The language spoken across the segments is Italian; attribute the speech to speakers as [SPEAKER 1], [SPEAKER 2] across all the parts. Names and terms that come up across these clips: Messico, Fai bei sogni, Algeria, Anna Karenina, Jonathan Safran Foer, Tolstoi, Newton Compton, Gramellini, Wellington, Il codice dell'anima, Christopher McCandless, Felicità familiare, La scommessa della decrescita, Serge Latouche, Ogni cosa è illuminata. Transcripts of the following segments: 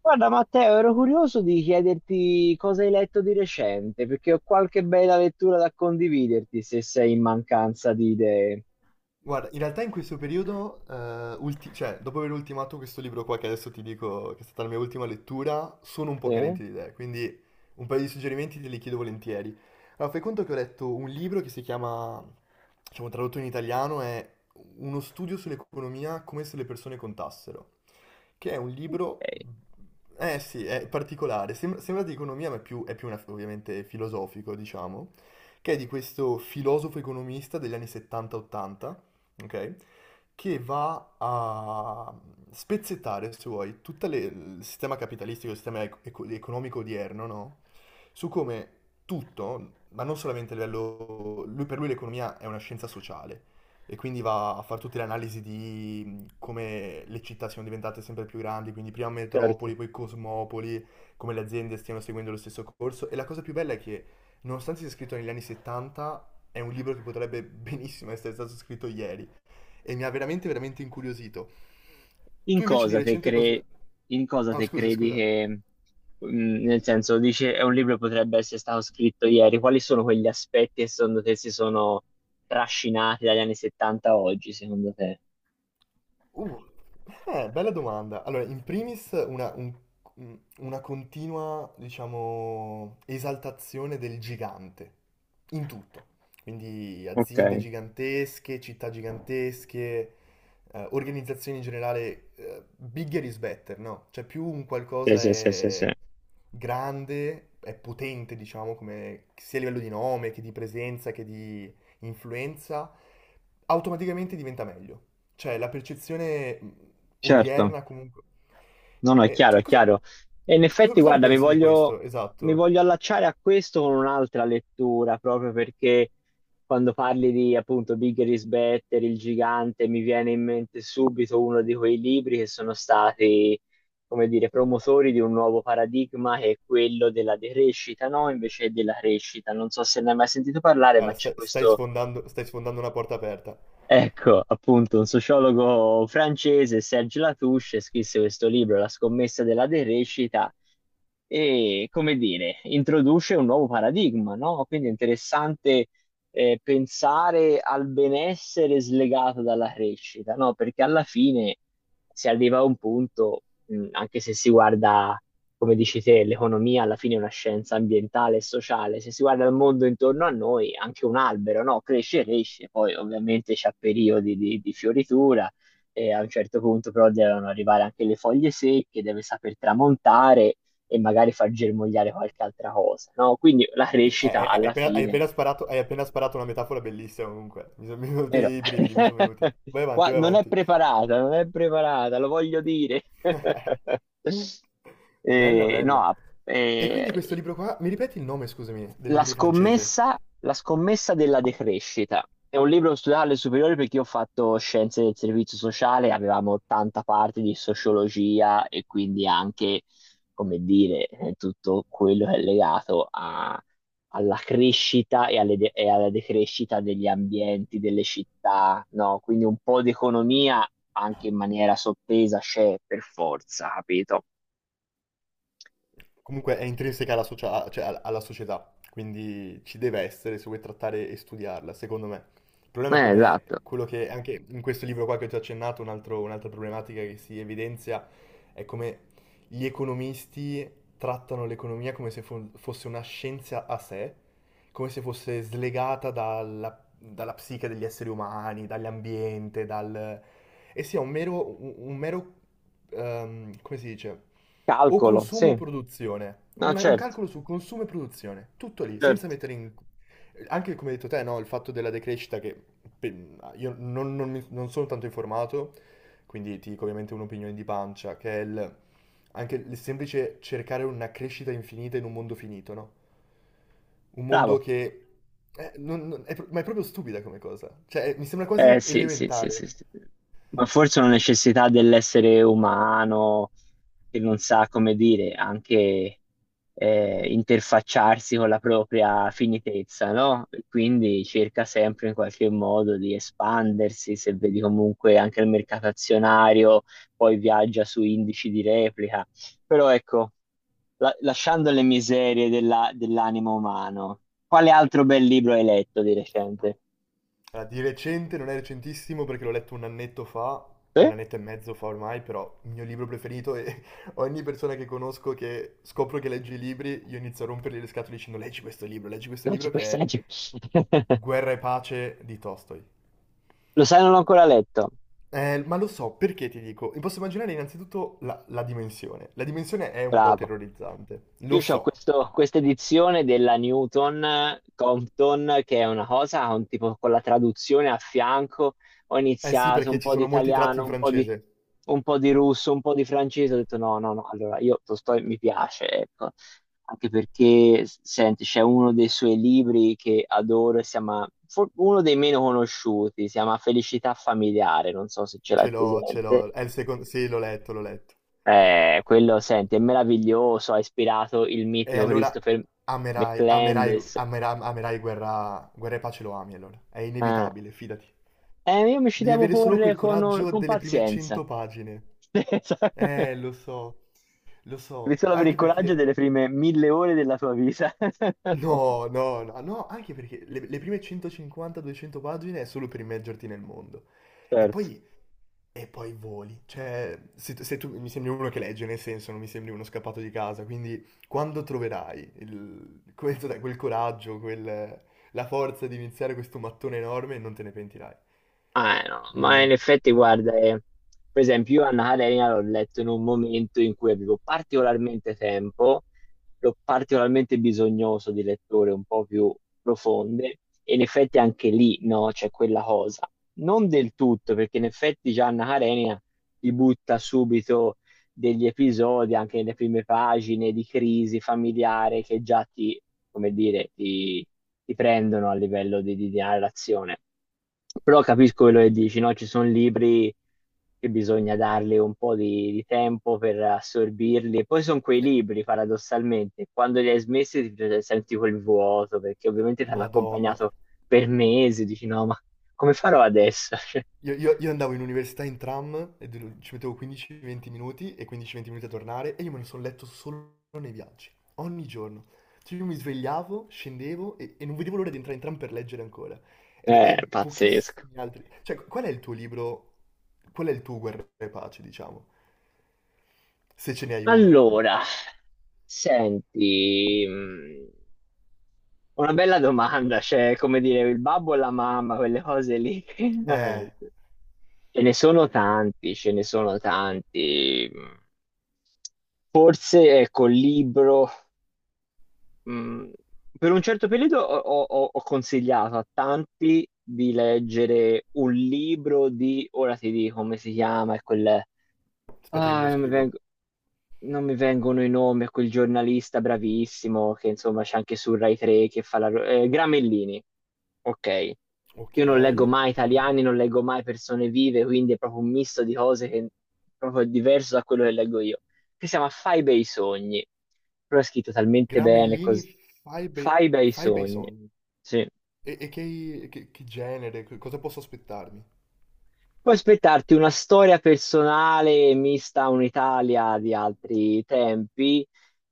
[SPEAKER 1] Guarda Matteo, ero curioso di chiederti cosa hai letto di recente, perché ho qualche bella lettura da condividerti se sei in mancanza di idee.
[SPEAKER 2] Guarda, in realtà in questo periodo, cioè, dopo aver ultimato questo libro qua che adesso ti dico che è stata la mia ultima lettura, sono un po'
[SPEAKER 1] Sì?
[SPEAKER 2] carente di idee, quindi un paio di suggerimenti te li chiedo volentieri. Allora, fai conto che ho letto un libro che si chiama, diciamo tradotto in italiano, è Uno studio sull'economia come se le persone contassero, che è un libro, eh sì, è particolare, sembra di economia ma è più ovviamente filosofico, diciamo, che è di questo filosofo economista degli anni 70-80, ok? Che va a spezzettare, se vuoi, tutto il sistema capitalistico, il sistema economico odierno, no? Su come tutto, ma non solamente a livello... Lui, per lui l'economia è una scienza sociale e quindi va a fare tutte le analisi di come le città siano diventate sempre più grandi, quindi prima
[SPEAKER 1] Certo.
[SPEAKER 2] metropoli, poi cosmopoli, come le aziende stiano seguendo lo stesso corso. E la cosa più bella è che, nonostante sia scritto negli anni 70, è un libro che potrebbe benissimo essere stato scritto ieri e mi ha veramente, veramente incuriosito.
[SPEAKER 1] In
[SPEAKER 2] Tu invece di
[SPEAKER 1] cosa te
[SPEAKER 2] recente
[SPEAKER 1] cre-
[SPEAKER 2] cosa...
[SPEAKER 1] in cosa
[SPEAKER 2] Ah,
[SPEAKER 1] te
[SPEAKER 2] scusa,
[SPEAKER 1] credi
[SPEAKER 2] scusa.
[SPEAKER 1] che, mm, Nel senso, dice, è un libro che potrebbe essere stato scritto ieri, quali sono quegli aspetti che secondo te si sono trascinati dagli anni 70 a oggi, secondo te?
[SPEAKER 2] Uh, Bella domanda. Allora, in primis una continua, diciamo, esaltazione del gigante, in tutto. Quindi
[SPEAKER 1] Ok,
[SPEAKER 2] aziende gigantesche, città gigantesche, organizzazioni in generale, bigger is better, no? Cioè più un
[SPEAKER 1] sì,
[SPEAKER 2] qualcosa
[SPEAKER 1] sì, sì, sì, sì.
[SPEAKER 2] è grande, è potente, diciamo, come, sia a livello di nome, che di presenza, che di influenza, automaticamente diventa meglio. Cioè, la percezione
[SPEAKER 1] Certo.
[SPEAKER 2] odierna comunque...
[SPEAKER 1] No, no, è chiaro,
[SPEAKER 2] Cioè,
[SPEAKER 1] è
[SPEAKER 2] cosa,
[SPEAKER 1] chiaro. E in
[SPEAKER 2] cosa-
[SPEAKER 1] effetti,
[SPEAKER 2] cosa ne
[SPEAKER 1] guarda,
[SPEAKER 2] pensi di questo?
[SPEAKER 1] mi
[SPEAKER 2] Esatto.
[SPEAKER 1] voglio allacciare a questo con un'altra lettura, proprio perché quando parli di appunto Bigger is Better, il gigante, mi viene in mente subito uno di quei libri che sono stati, come dire, promotori di un nuovo paradigma che è quello della decrescita, no? Invece della crescita. Non so se ne hai mai sentito parlare, ma
[SPEAKER 2] Guarda,
[SPEAKER 1] c'è
[SPEAKER 2] stai, stai
[SPEAKER 1] questo.
[SPEAKER 2] sfondando, stai sfondando una porta aperta.
[SPEAKER 1] Ecco, appunto, un sociologo francese, Serge Latouche, scrisse questo libro, La scommessa della derecita, e, come dire, introduce un nuovo paradigma, no? Quindi è interessante pensare al benessere slegato dalla crescita, no? Perché alla fine si arriva a un punto, anche se si guarda come dici te, l'economia alla fine è una scienza ambientale e sociale. Se si guarda il mondo intorno a noi, anche un albero, no? Cresce, cresce, poi ovviamente c'ha periodi di fioritura e a un certo punto però devono arrivare anche le foglie secche, deve saper tramontare e magari far germogliare qualche altra cosa, no? Quindi la crescita alla fine,
[SPEAKER 2] Hai appena sparato una metafora bellissima comunque. Mi sono venuti
[SPEAKER 1] vero?
[SPEAKER 2] i brividi, mi sono venuti. Vai avanti,
[SPEAKER 1] Qua
[SPEAKER 2] vai
[SPEAKER 1] non è
[SPEAKER 2] avanti.
[SPEAKER 1] preparata, non è preparata, lo voglio dire.
[SPEAKER 2] Bella, bella.
[SPEAKER 1] No,
[SPEAKER 2] E quindi questo
[SPEAKER 1] eh,
[SPEAKER 2] libro qua, mi ripeti il nome, scusami, del libro francese?
[SPEAKER 1] La scommessa della decrescita. È un libro che ho studiato alle superiori perché io ho fatto scienze del servizio sociale, avevamo tanta parte di sociologia e quindi anche, come dire, tutto quello che è legato alla crescita e, e alla decrescita degli ambienti, delle città, no? Quindi un po' di economia anche in maniera sottesa c'è per forza, capito?
[SPEAKER 2] Comunque è intrinseca cioè alla società, quindi ci deve essere se vuoi trattare e studiarla, secondo me. Il problema è come
[SPEAKER 1] Esatto.
[SPEAKER 2] quello che anche in questo libro qua che ho già accennato, un'altra problematica che si evidenzia è come gli economisti trattano l'economia come se fosse una scienza a sé, come se fosse slegata dalla psiche degli esseri umani, dall'ambiente, dal... e sia un mero, come si dice? O
[SPEAKER 1] Calcolo,
[SPEAKER 2] consumo o
[SPEAKER 1] sì.
[SPEAKER 2] produzione.
[SPEAKER 1] No,
[SPEAKER 2] Un
[SPEAKER 1] certo,
[SPEAKER 2] calcolo su consumo e produzione. Tutto lì, senza
[SPEAKER 1] certo.
[SPEAKER 2] mettere in... Anche come hai detto te, no? Il fatto della decrescita che io non sono tanto informato, quindi ti dico ovviamente un'opinione di pancia, che è anche il semplice cercare una crescita infinita in un mondo finito, no? Un mondo
[SPEAKER 1] Bravo.
[SPEAKER 2] che... ma è proprio stupida come cosa. Cioè, mi sembra
[SPEAKER 1] Eh
[SPEAKER 2] quasi
[SPEAKER 1] sì, sì, sì, sì,
[SPEAKER 2] elementare.
[SPEAKER 1] sì. Ma forse una necessità dell'essere umano che non sa come dire, anche interfacciarsi con la propria finitezza, no? E quindi cerca sempre in qualche modo di espandersi, se vedi comunque anche il mercato azionario, poi viaggia su indici di replica. Però ecco, lasciando le miserie dell'animo umano, quale altro bel libro hai letto di recente?
[SPEAKER 2] Allora, di recente, non è recentissimo perché l'ho letto un annetto fa, un annetto e mezzo fa ormai, però il mio libro preferito e ogni persona che conosco che scopro che legge i libri, io inizio a rompergli le scatole dicendo leggi questo
[SPEAKER 1] Non c'è
[SPEAKER 2] libro che
[SPEAKER 1] questa
[SPEAKER 2] è
[SPEAKER 1] legge.
[SPEAKER 2] Guerra e pace di Tolstoi.
[SPEAKER 1] Lo sai, non l'ho ancora letto.
[SPEAKER 2] Ma lo so, perché ti dico? Mi posso immaginare innanzitutto la dimensione. La dimensione è un po'
[SPEAKER 1] Bravo.
[SPEAKER 2] terrorizzante, lo
[SPEAKER 1] Io ho
[SPEAKER 2] so.
[SPEAKER 1] questo, questa edizione della Newton Compton, che è una cosa, un tipo con la traduzione a fianco. Ho
[SPEAKER 2] Eh sì,
[SPEAKER 1] iniziato
[SPEAKER 2] perché
[SPEAKER 1] un
[SPEAKER 2] ci
[SPEAKER 1] po' di
[SPEAKER 2] sono molti tratti
[SPEAKER 1] italiano,
[SPEAKER 2] in francese.
[SPEAKER 1] un po' di russo, un po' di francese. Ho detto no, no, no. Allora, io Tolstoi mi piace, ecco. Anche perché, senti, c'è uno dei suoi libri che adoro, uno dei meno conosciuti, si chiama Felicità familiare, non so se ce
[SPEAKER 2] Ce
[SPEAKER 1] l'hai
[SPEAKER 2] l'ho, ce
[SPEAKER 1] presente.
[SPEAKER 2] l'ho. È il secondo... Sì, l'ho letto, l'ho letto.
[SPEAKER 1] Quello, senti, è meraviglioso, ha ispirato il
[SPEAKER 2] E
[SPEAKER 1] mitico
[SPEAKER 2] allora
[SPEAKER 1] Christopher
[SPEAKER 2] amerai, amerai,
[SPEAKER 1] McCandless.
[SPEAKER 2] amera- amerai Guerra e pace lo ami allora. È
[SPEAKER 1] Ah.
[SPEAKER 2] inevitabile, fidati.
[SPEAKER 1] Io mi ci
[SPEAKER 2] Devi
[SPEAKER 1] devo
[SPEAKER 2] avere solo quel
[SPEAKER 1] porre
[SPEAKER 2] coraggio
[SPEAKER 1] con
[SPEAKER 2] delle prime
[SPEAKER 1] pazienza.
[SPEAKER 2] 100 pagine. Lo so, lo
[SPEAKER 1] Devi
[SPEAKER 2] so.
[SPEAKER 1] solo avere il
[SPEAKER 2] Anche
[SPEAKER 1] coraggio
[SPEAKER 2] perché...
[SPEAKER 1] delle prime mille ore della tua vita.
[SPEAKER 2] No, no, no, no, anche perché le prime 150-200 pagine è solo per immergerti nel mondo. E
[SPEAKER 1] Certo.
[SPEAKER 2] poi E poi voli. Cioè, se tu mi sembri uno che legge, nel senso, non mi sembri uno scappato di casa, quindi quando troverai quel, sai, quel coraggio, la forza di iniziare questo mattone enorme, non te ne pentirai.
[SPEAKER 1] Ah, no, Ma in
[SPEAKER 2] Non...
[SPEAKER 1] effetti, guarda, per esempio, io Anna Karenina l'ho letto in un momento in cui avevo particolarmente tempo, ero particolarmente bisognoso di letture un po' più profonde, e in effetti anche lì, no, c'è quella cosa. Non del tutto, perché in effetti già Anna Karenina ti butta subito degli episodi, anche nelle prime pagine di crisi familiare che già ti, come dire, ti prendono a livello di, di narrazione. Però capisco quello che dici, no? Ci sono libri che bisogna dargli un po' di tempo per assorbirli. E poi sono quei
[SPEAKER 2] Eh,
[SPEAKER 1] libri, paradossalmente, quando li hai smessi ti senti quel vuoto, perché ovviamente ti hanno
[SPEAKER 2] Madonna.
[SPEAKER 1] accompagnato per mesi, dici no, ma come farò adesso?
[SPEAKER 2] Io andavo in università in tram e ci mettevo 15-20 minuti e 15-20 minuti a tornare e io me ne sono letto solo nei viaggi, ogni giorno. Cioè io mi svegliavo, scendevo e non vedevo l'ora di entrare in tram per leggere ancora. Ed-
[SPEAKER 1] Cioè,
[SPEAKER 2] E,
[SPEAKER 1] è pazzesco.
[SPEAKER 2] pochissimi altri. Cioè, qual è il tuo libro? Qual è il tuo Guerra e Pace, diciamo? Se ce ne hai uno.
[SPEAKER 1] Allora, senti, una bella domanda, cioè, come dire, il babbo e la mamma, quelle cose lì,
[SPEAKER 2] Eh,
[SPEAKER 1] veramente. Ce ne sono tanti, ce ne sono tanti. Forse, ecco, il libro, mh, per un certo periodo ho consigliato a tanti di leggere un libro di, ora ti dico come si chiama, è quel,
[SPEAKER 2] Aspetta che me lo scrivo.
[SPEAKER 1] non mi vengono i nomi, a quel giornalista bravissimo che insomma c'è anche su Rai 3 che fa Gramellini, ok.
[SPEAKER 2] Ok,
[SPEAKER 1] Io non leggo mai
[SPEAKER 2] Gram-
[SPEAKER 1] italiani, non leggo mai persone vive, quindi è proprio un misto di cose che proprio è proprio diverso da quello che leggo io. Che si chiama Fai bei sogni, però è scritto talmente bene
[SPEAKER 2] Gramellini,
[SPEAKER 1] così.
[SPEAKER 2] fai bei,
[SPEAKER 1] Fai bei
[SPEAKER 2] fai bei
[SPEAKER 1] sogni,
[SPEAKER 2] sogni.
[SPEAKER 1] sì.
[SPEAKER 2] E che genere, cosa posso aspettarmi?
[SPEAKER 1] Puoi aspettarti una storia personale mista a un'Italia di altri tempi,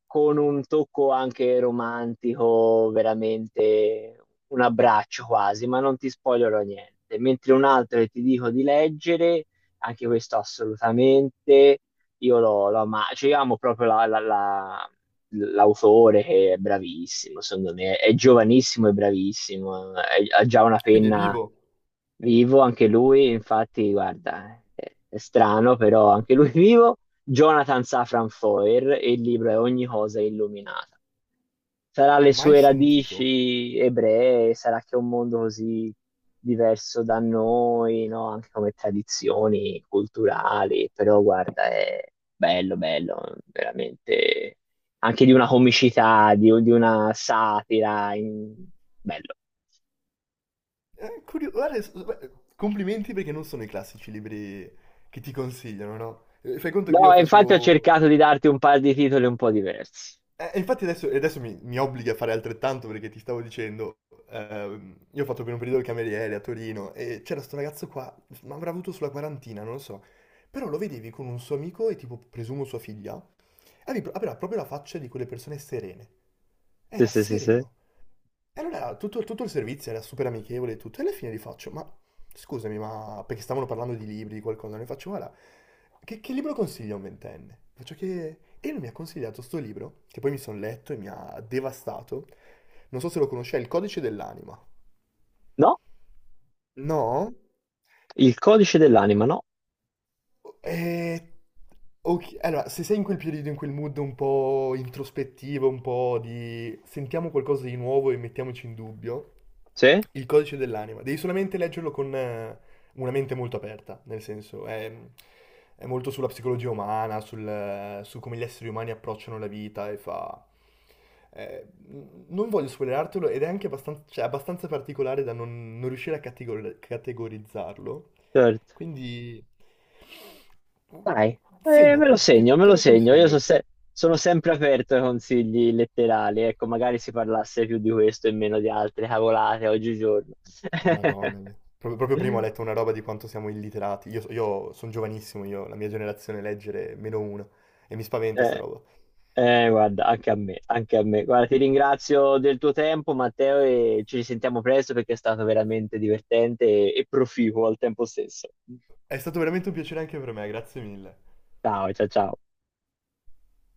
[SPEAKER 1] con un tocco anche romantico, veramente un abbraccio quasi, ma non ti spoilerò niente. Mentre un altro che ti dico di leggere, anche questo assolutamente, io lo, lo ama- cioè, io amo proprio l'autore che è bravissimo, secondo me, è giovanissimo e bravissimo, ha già una
[SPEAKER 2] Quindi è
[SPEAKER 1] penna
[SPEAKER 2] vivo,
[SPEAKER 1] vivo, anche lui, infatti, guarda, è strano, però anche lui vivo. Jonathan Safran Foer e il libro è Ogni cosa è illuminata. Sarà le
[SPEAKER 2] mai
[SPEAKER 1] sue
[SPEAKER 2] sentito.
[SPEAKER 1] radici ebree, sarà che è un mondo così diverso da noi, no? Anche come tradizioni culturali, però guarda, è bello, bello, veramente anche di una comicità, di una satira, bello.
[SPEAKER 2] Guarda, beh, complimenti perché non sono i classici libri che ti consigliano, no? Fai conto che
[SPEAKER 1] No,
[SPEAKER 2] io
[SPEAKER 1] e infatti ho
[SPEAKER 2] facevo...
[SPEAKER 1] cercato di darti un paio di titoli un po' diversi.
[SPEAKER 2] E infatti adesso, mi obblighi a fare altrettanto perché ti stavo dicendo, io ho fatto per un periodo il cameriere a Torino e c'era sto ragazzo qua, ma avrà avuto sulla quarantina, non lo so. Però lo vedevi con un suo amico e tipo, presumo sua figlia, aveva proprio la faccia di quelle persone serene.
[SPEAKER 1] Sì,
[SPEAKER 2] Era
[SPEAKER 1] sì, sì, sì.
[SPEAKER 2] sereno. E allora tutto il servizio era super amichevole e tutto, e alla fine gli faccio, ma scusami, ma perché stavano parlando di libri, di qualcosa, ne faccio, guarda, che libro consiglia a un ventenne? Faccio che... E lui mi ha consigliato sto libro, che poi mi sono letto e mi ha devastato. Non so se lo conosce, è Il codice dell'anima.
[SPEAKER 1] No,
[SPEAKER 2] No?
[SPEAKER 1] il codice dell'anima, no?
[SPEAKER 2] Eh, ok, allora, se sei in quel periodo, in quel mood un po' introspettivo, un po' di sentiamo qualcosa di nuovo e mettiamoci in dubbio,
[SPEAKER 1] Sì,
[SPEAKER 2] il codice dell'anima, devi solamente leggerlo con una mente molto aperta, nel senso è molto sulla psicologia umana, su come gli esseri umani approcciano la vita e fa... non voglio spoilerartelo ed è anche abbastanza, cioè, abbastanza particolare da non riuscire a categorizzarlo.
[SPEAKER 1] certo.
[SPEAKER 2] Quindi
[SPEAKER 1] Dai, me lo
[SPEAKER 2] segnatelo,
[SPEAKER 1] segno, me
[SPEAKER 2] te
[SPEAKER 1] lo
[SPEAKER 2] lo
[SPEAKER 1] segno. Io so
[SPEAKER 2] consiglio.
[SPEAKER 1] se- Sono sempre aperto ai consigli letterali. Ecco, magari si parlasse più di questo e meno di altre cavolate oggigiorno.
[SPEAKER 2] Madonna mia. Proprio, proprio prima ho letto una roba di quanto siamo illiterati. Io sono giovanissimo, io, la mia generazione leggere è meno uno. E mi spaventa sta
[SPEAKER 1] Eh,
[SPEAKER 2] roba.
[SPEAKER 1] Guarda, anche a me, anche a me. Guarda, ti ringrazio del tuo tempo, Matteo, e ci risentiamo presto perché è stato veramente divertente e proficuo al tempo stesso.
[SPEAKER 2] È stato veramente un piacere anche per me, grazie mille.
[SPEAKER 1] Ciao, ciao, ciao.